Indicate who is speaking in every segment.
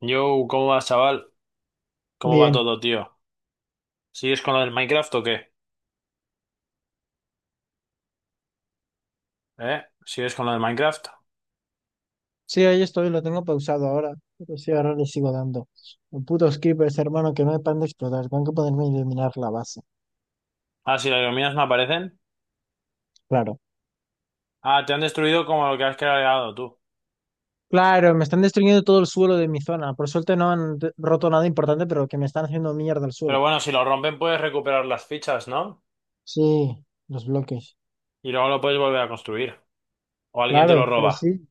Speaker 1: Yo, ¿cómo vas, chaval? ¿Cómo va
Speaker 2: Bien,
Speaker 1: todo, tío? ¿Sigues con lo del Minecraft o qué? ¿Eh? ¿Sigues con lo del Minecraft?
Speaker 2: sí, ahí estoy, lo tengo pausado ahora, pero sí, ahora le sigo dando. Los putos creepers, hermano, que no me paran de explotar, tengo que poderme eliminar la base,
Speaker 1: Ah, si las iluminas no aparecen.
Speaker 2: claro.
Speaker 1: Ah, te han destruido como lo que has creado tú.
Speaker 2: Claro, me están destruyendo todo el suelo de mi zona, por suerte no han roto nada importante, pero que me están haciendo mierda el
Speaker 1: Pero
Speaker 2: suelo.
Speaker 1: bueno, si lo rompen puedes recuperar las fichas, ¿no?
Speaker 2: Sí, los bloques,
Speaker 1: Y luego lo puedes volver a construir. O alguien te lo
Speaker 2: claro, pues
Speaker 1: roba.
Speaker 2: sí.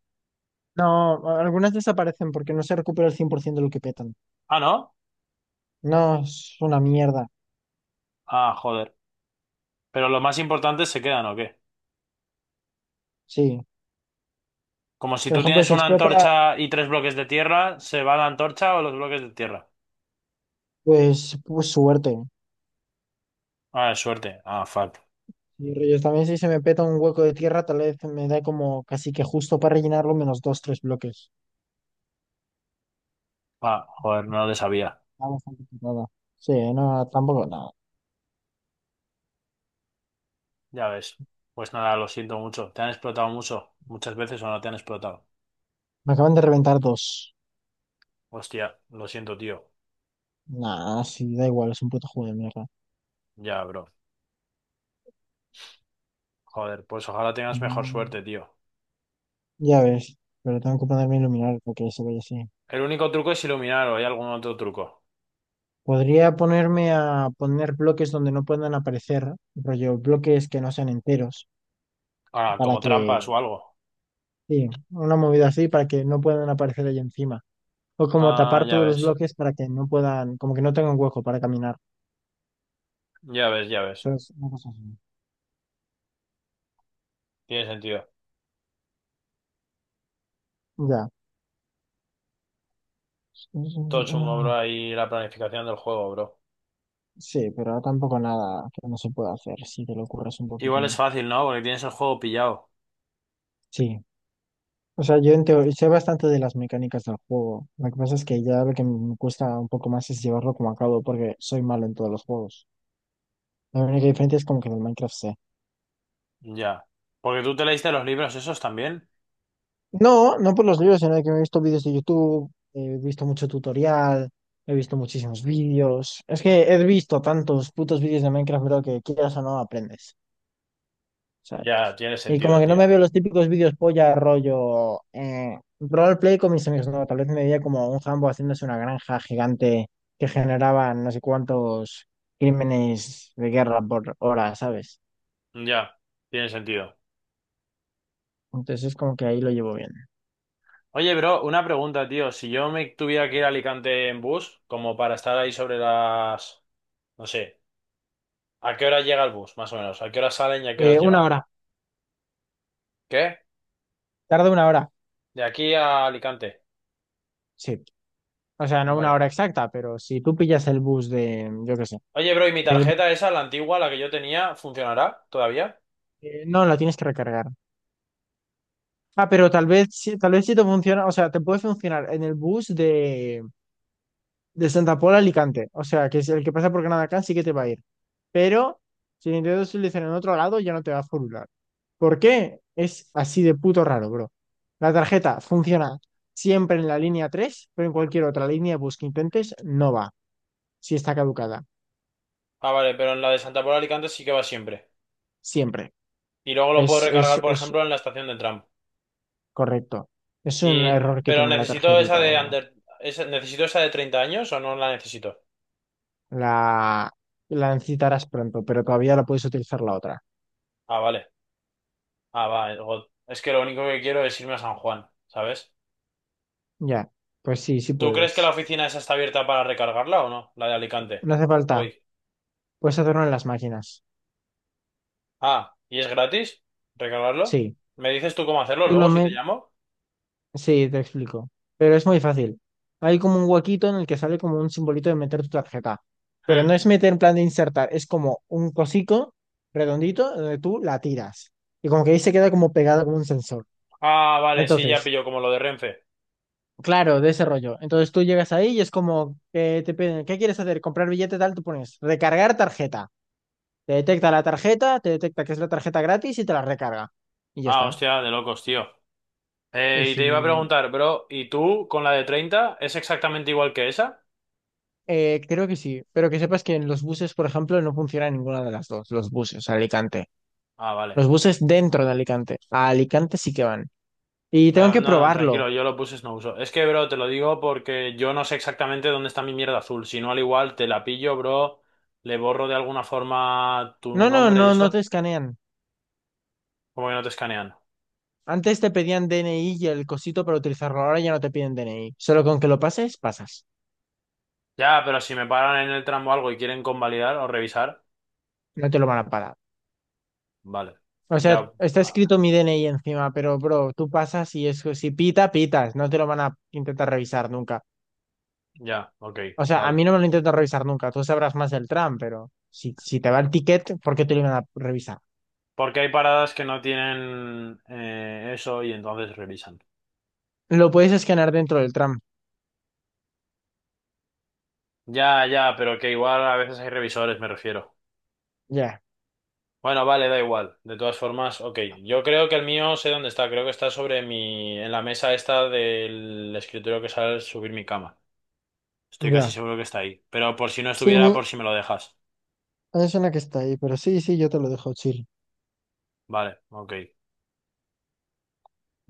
Speaker 2: No, algunas desaparecen porque no se recupera el 100% de lo que petan.
Speaker 1: Ah, ¿no?
Speaker 2: No, es una mierda,
Speaker 1: Ah, joder. Pero los más importantes se quedan, ¿o qué?
Speaker 2: sí.
Speaker 1: Como si
Speaker 2: Por
Speaker 1: tú
Speaker 2: ejemplo,
Speaker 1: tienes
Speaker 2: si
Speaker 1: una
Speaker 2: explota,
Speaker 1: antorcha y tres bloques de tierra, ¿se va la antorcha o los bloques de tierra?
Speaker 2: pues suerte.
Speaker 1: Ah, es suerte. Ah, fuck.
Speaker 2: Y Reyes, también si se me peta un hueco de tierra, tal vez me da como casi que justo para rellenarlo menos dos, tres bloques.
Speaker 1: Ah, joder, no lo sabía.
Speaker 2: Está bastante petada. Sí, no, tampoco, nada.
Speaker 1: Ya ves. Pues nada, lo siento mucho. ¿Te han explotado mucho? ¿Muchas veces o no te han explotado?
Speaker 2: Me acaban de reventar dos.
Speaker 1: Hostia, lo siento, tío.
Speaker 2: Nada, sí, da igual, es un puto juego de mierda.
Speaker 1: Ya, bro. Joder, pues ojalá tengas mejor
Speaker 2: Mm.
Speaker 1: suerte, tío.
Speaker 2: Ya ves, pero tengo que ponerme a iluminar porque se vaya así.
Speaker 1: El único truco es iluminar o hay algún otro truco.
Speaker 2: Podría ponerme a poner bloques donde no puedan aparecer, rollo, bloques que no sean enteros,
Speaker 1: Ah,
Speaker 2: para
Speaker 1: como trampas
Speaker 2: que,
Speaker 1: o algo.
Speaker 2: sí, una movida así para que no puedan aparecer ahí encima. O como
Speaker 1: Ah,
Speaker 2: tapar
Speaker 1: ya
Speaker 2: todos los
Speaker 1: ves.
Speaker 2: bloques para que no puedan, como que no tengan hueco para caminar.
Speaker 1: Ya ves, ya ves.
Speaker 2: Eso una cosa así.
Speaker 1: Tiene sentido.
Speaker 2: Ya.
Speaker 1: Todo chungo,
Speaker 2: Ah,
Speaker 1: bro, ahí la planificación del juego, bro.
Speaker 2: sí, pero tampoco nada que no se pueda hacer si te lo ocurres un
Speaker 1: Igual es
Speaker 2: poquitín.
Speaker 1: fácil, ¿no? Porque tienes el juego pillado.
Speaker 2: Sí. O sea, yo en teoría sé bastante de las mecánicas del juego. Lo que pasa es que ya lo que me cuesta un poco más es llevarlo como a cabo porque soy malo en todos los juegos. La única diferencia es como que en el Minecraft sé.
Speaker 1: Ya. Porque tú te leíste los libros esos también.
Speaker 2: No, no por los libros, sino que me he visto vídeos de YouTube, he visto mucho tutorial, he visto muchísimos vídeos. Es que he visto tantos putos vídeos de Minecraft, bro, que quieras o no aprendes, ¿sabes?
Speaker 1: Ya, tiene
Speaker 2: Y como
Speaker 1: sentido,
Speaker 2: que no
Speaker 1: tío.
Speaker 2: me veo los típicos vídeos polla, rollo, roleplay con mis amigos, no, tal vez me veía como un jambo haciéndose una granja gigante que generaba no sé cuántos crímenes de guerra por hora, ¿sabes?
Speaker 1: Ya, tiene sentido.
Speaker 2: Entonces es como que ahí lo llevo bien.
Speaker 1: Oye, bro, una pregunta, tío. Si yo me tuviera que ir a Alicante en bus, como para estar ahí sobre las... No sé, ¿a qué hora llega el bus, más o menos? ¿A qué hora salen y a qué horas
Speaker 2: Eh, una
Speaker 1: llegan?
Speaker 2: hora,
Speaker 1: ¿Qué?
Speaker 2: Tarda una hora.
Speaker 1: De aquí a Alicante.
Speaker 2: Sí. O sea, no una
Speaker 1: Vale.
Speaker 2: hora exacta, pero si tú pillas el bus de, yo qué sé,
Speaker 1: Oye, bro, ¿y mi
Speaker 2: el bus
Speaker 1: tarjeta esa, la antigua, la que yo tenía, funcionará todavía?
Speaker 2: no, lo tienes que recargar. Ah, pero tal vez, tal vez sí te funciona, o sea, te puede funcionar en el bus de Santa Pola a Alicante, o sea, que es el que pasa por Granada sí que te va a ir. Pero si lo intentas utilizar en otro lado, ya no te va a furular. ¿Por qué? Es así de puto raro, bro. La tarjeta funciona siempre en la línea 3, pero en cualquier otra línea de bus que intentes, no va, si está caducada,
Speaker 1: Ah, vale, pero en la de Santa Pola de Alicante sí que va siempre.
Speaker 2: siempre.
Speaker 1: Y luego lo puedo
Speaker 2: Es,
Speaker 1: recargar,
Speaker 2: es,
Speaker 1: por
Speaker 2: es
Speaker 1: ejemplo, en la estación de tram.
Speaker 2: correcto. Es un
Speaker 1: Y...
Speaker 2: error que
Speaker 1: Pero
Speaker 2: tiene la
Speaker 1: necesito esa
Speaker 2: tarjetita o
Speaker 1: de
Speaker 2: algo.
Speaker 1: under... ¿Necesito esa de 30 años o no la necesito?
Speaker 2: La, la necesitarás pronto, pero todavía la puedes utilizar la otra.
Speaker 1: Ah, vale. Ah, va, God. Es que lo único que quiero es irme a San Juan, ¿sabes?
Speaker 2: Ya, pues sí, sí
Speaker 1: ¿Tú crees que la
Speaker 2: puedes.
Speaker 1: oficina esa está abierta para recargarla o no? La de Alicante.
Speaker 2: No hace falta.
Speaker 1: Hoy.
Speaker 2: Puedes hacerlo en las máquinas.
Speaker 1: Ah, ¿y es gratis? ¿Recargarlo?
Speaker 2: Sí.
Speaker 1: ¿Me dices tú cómo hacerlo
Speaker 2: Tú
Speaker 1: luego
Speaker 2: lo
Speaker 1: si te
Speaker 2: met-
Speaker 1: llamo?
Speaker 2: Sí, te explico. Pero es muy fácil. Hay como un huequito en el que sale como un simbolito de meter tu tarjeta. Pero no
Speaker 1: Hmm.
Speaker 2: es meter en plan de insertar, es como un cosico redondito donde tú la tiras. Y como que ahí se queda como pegada como un sensor.
Speaker 1: Ah, vale, sí, ya
Speaker 2: Entonces,
Speaker 1: pillo como lo de Renfe.
Speaker 2: claro, de ese rollo. Entonces tú llegas ahí y es como que te piden, ¿qué quieres hacer? ¿Comprar billete tal? Tú pones recargar tarjeta. Te detecta la tarjeta, te detecta que es la tarjeta gratis y te la recarga. Y ya
Speaker 1: Ah,
Speaker 2: está.
Speaker 1: hostia, de locos, tío.
Speaker 2: Y
Speaker 1: Y te iba a
Speaker 2: sin-
Speaker 1: preguntar, bro, ¿y tú con la de 30 es exactamente igual que esa?
Speaker 2: Creo que sí, pero que sepas que en los buses, por ejemplo, no funciona ninguna de las dos, los buses a Alicante.
Speaker 1: Ah, vale.
Speaker 2: Los buses dentro de Alicante. A Alicante sí que van. Y tengo
Speaker 1: No,
Speaker 2: que
Speaker 1: no,
Speaker 2: probarlo.
Speaker 1: tranquilo, yo lo puse no uso. Es que, bro, te lo digo porque yo no sé exactamente dónde está mi mierda azul. Si no, al igual te la pillo, bro, le borro de alguna forma tu
Speaker 2: No, no,
Speaker 1: nombre y
Speaker 2: no, no te
Speaker 1: eso,
Speaker 2: escanean.
Speaker 1: como que no te escanean.
Speaker 2: Antes te pedían DNI y el cosito para utilizarlo, ahora ya no te piden DNI. Solo con que lo pases, pasas.
Speaker 1: Ya, pero si me paran en el tramo o algo y quieren convalidar o revisar,
Speaker 2: No te lo van a parar.
Speaker 1: vale.
Speaker 2: O sea,
Speaker 1: Ya,
Speaker 2: está
Speaker 1: ah,
Speaker 2: escrito mi DNI encima, pero bro, tú pasas y eso, si pita, pitas, no te lo van a intentar revisar nunca.
Speaker 1: ya, ok,
Speaker 2: O sea, a
Speaker 1: vale.
Speaker 2: mí no me lo intentan revisar nunca, tú sabrás más del tram, pero si te va el ticket, ¿por qué te lo van a revisar?
Speaker 1: Porque hay paradas que no tienen eso y entonces revisan.
Speaker 2: Lo puedes escanear dentro del tram.
Speaker 1: Ya, ya, pero que igual a veces hay revisores, me refiero.
Speaker 2: Ya,
Speaker 1: Bueno, vale, da igual. De todas formas, ok. Yo creo que el mío sé dónde está. Creo que está sobre mi... en la mesa esta del escritorio que sale al subir mi cama. Estoy casi
Speaker 2: ya.
Speaker 1: seguro que está ahí. Pero por si no
Speaker 2: Sí, me,
Speaker 1: estuviera, por si me lo dejas.
Speaker 2: me suena que está ahí, pero sí, sí, yo te lo dejo chill.
Speaker 1: Vale, ok.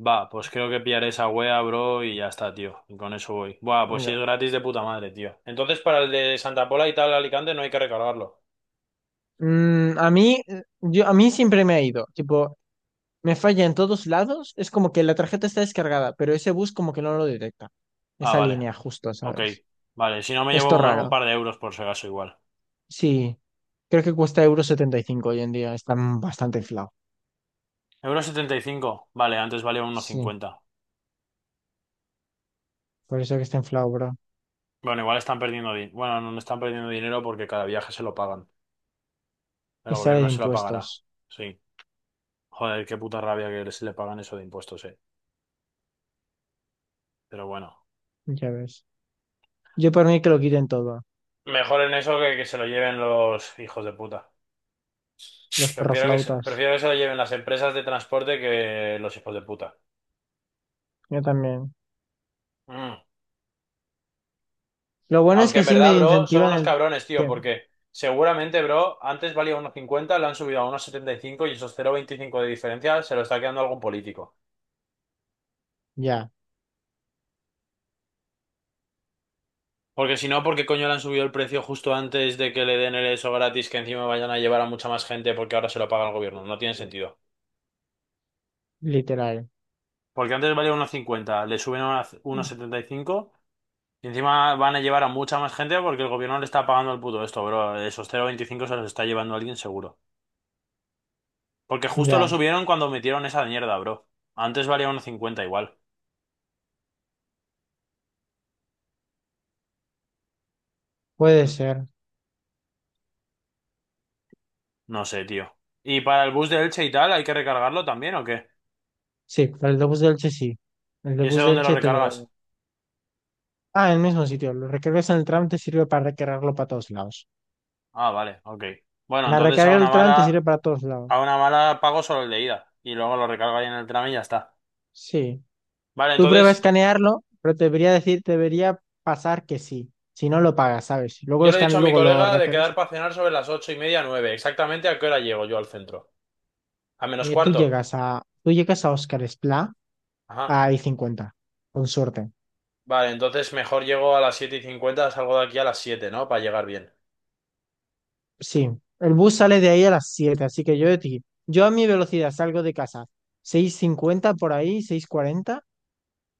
Speaker 1: Va, pues creo que pillaré esa wea, bro, y ya está, tío. Y con eso voy. Buah, pues si es
Speaker 2: Ya.
Speaker 1: gratis de puta madre, tío. Entonces para el de Santa Pola y tal, Alicante, no hay que recargarlo.
Speaker 2: A mí, yo, a mí siempre me ha ido, tipo, me falla en todos lados, es como que la tarjeta está descargada, pero ese bus como que no lo detecta,
Speaker 1: Ah,
Speaker 2: esa
Speaker 1: vale.
Speaker 2: línea justo,
Speaker 1: Ok.
Speaker 2: ¿sabes?
Speaker 1: Vale, si no me llevo
Speaker 2: Esto
Speaker 1: un
Speaker 2: raro.
Speaker 1: par de euros por si acaso igual.
Speaker 2: Sí. Creo que cuesta euro 75 hoy en día. Está bastante inflado.
Speaker 1: 1,75 euros, vale, antes valía uno
Speaker 2: Sí.
Speaker 1: cincuenta.
Speaker 2: Por eso que está inflado, bro.
Speaker 1: Bueno, igual están perdiendo dinero. Bueno, no están perdiendo dinero porque cada viaje se lo pagan. El
Speaker 2: Y sale de
Speaker 1: gobierno se lo pagará.
Speaker 2: impuestos.
Speaker 1: Sí. Joder, qué puta rabia que se le pagan eso de impuestos, eh. Pero bueno.
Speaker 2: Ya ves. Yo por mí que lo quiten todo.
Speaker 1: Mejor en eso que se lo lleven los hijos de puta.
Speaker 2: Los perroflautas.
Speaker 1: Prefiero que se lo lleven las empresas de transporte que los hijos de puta.
Speaker 2: Yo también.
Speaker 1: Mm.
Speaker 2: Lo bueno es
Speaker 1: Aunque
Speaker 2: que
Speaker 1: en
Speaker 2: sí
Speaker 1: verdad,
Speaker 2: me
Speaker 1: bro, son
Speaker 2: incentivan
Speaker 1: unos
Speaker 2: el
Speaker 1: cabrones, tío,
Speaker 2: que.
Speaker 1: porque seguramente, bro, antes valía unos 50, lo han subido a unos 75 y esos 0,25 de diferencia se lo está quedando algún político.
Speaker 2: Ya.
Speaker 1: Porque si no, ¿por qué coño le han subido el precio justo antes de que le den el eso gratis que encima vayan a llevar a mucha más gente porque ahora se lo paga el gobierno? No tiene sentido.
Speaker 2: Literal.
Speaker 1: Porque antes valía 1,50 le suben a 1,75 y encima van a llevar a mucha más gente porque el gobierno le está pagando el puto esto, bro. Esos cero coma veinticinco se los está llevando alguien seguro. Porque justo lo
Speaker 2: Ya.
Speaker 1: subieron cuando metieron esa mierda, bro. Antes valía uno cincuenta igual.
Speaker 2: Puede ser.
Speaker 1: No sé, tío. ¿Y para el bus de Elche y tal, hay que recargarlo también o qué?
Speaker 2: Sí. Para el de bus de Elche sí. El de
Speaker 1: ¿Y ese
Speaker 2: bus de
Speaker 1: dónde lo
Speaker 2: Elche te
Speaker 1: recargas?
Speaker 2: lo. Ah, en el mismo sitio. Lo recargas en el tram, te sirve para recargarlo para todos lados.
Speaker 1: Ah, vale, ok. Bueno,
Speaker 2: La
Speaker 1: entonces a
Speaker 2: recarga del
Speaker 1: una
Speaker 2: tram te
Speaker 1: mala...
Speaker 2: sirve para todos lados.
Speaker 1: A una mala pago solo el de ida y luego lo recargo ahí en el tram y ya está.
Speaker 2: Sí.
Speaker 1: Vale,
Speaker 2: Tú prueba a
Speaker 1: entonces
Speaker 2: escanearlo, pero te debería decir, te debería pasar que sí. Si no lo pagas, ¿sabes? Luego lo
Speaker 1: yo le he dicho
Speaker 2: escaneas,
Speaker 1: a mi
Speaker 2: luego lo
Speaker 1: colega de
Speaker 2: recargas.
Speaker 1: quedar para cenar sobre las 8:30, nueve. Exactamente a qué hora llego yo al centro. ¿A menos
Speaker 2: Tú
Speaker 1: cuarto?
Speaker 2: llegas a, tú llegas a Oscar Esplá
Speaker 1: Ajá.
Speaker 2: a I-50, con suerte.
Speaker 1: Vale, entonces mejor llego a las 7:50, salgo de aquí a las 7:00, ¿no? Para llegar bien.
Speaker 2: Sí, el bus sale de ahí a las 7, así que yo de ti, yo a mi velocidad salgo de casa 6:50 por ahí, 6:40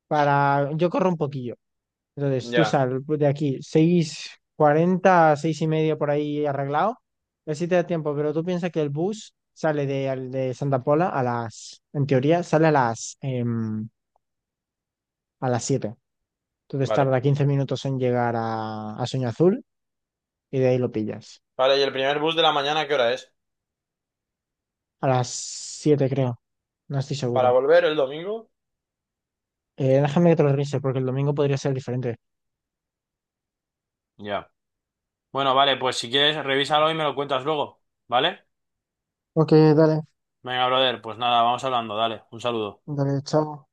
Speaker 2: para, yo corro un poquillo, entonces, tú
Speaker 1: Ya,
Speaker 2: sal de aquí, 6:40 6:30 por ahí arreglado. Así te da tiempo, pero tú piensas que el bus sale de, de Santa Pola a las, en teoría, sale a las, a las siete. Entonces
Speaker 1: vale.
Speaker 2: tarda 15 minutos en llegar a, Sueño Azul y de ahí lo pillas.
Speaker 1: Vale, ¿y el primer bus de la mañana qué hora es?
Speaker 2: A las 7 creo, no estoy
Speaker 1: ¿Para
Speaker 2: seguro.
Speaker 1: volver el domingo?
Speaker 2: Déjame que te lo revise porque el domingo podría ser diferente.
Speaker 1: Ya. Bueno, vale, pues si quieres, revísalo y me lo cuentas luego, ¿vale?
Speaker 2: Ok, dale,
Speaker 1: Venga, brother, pues nada, vamos hablando, dale, un saludo.
Speaker 2: dale, chao.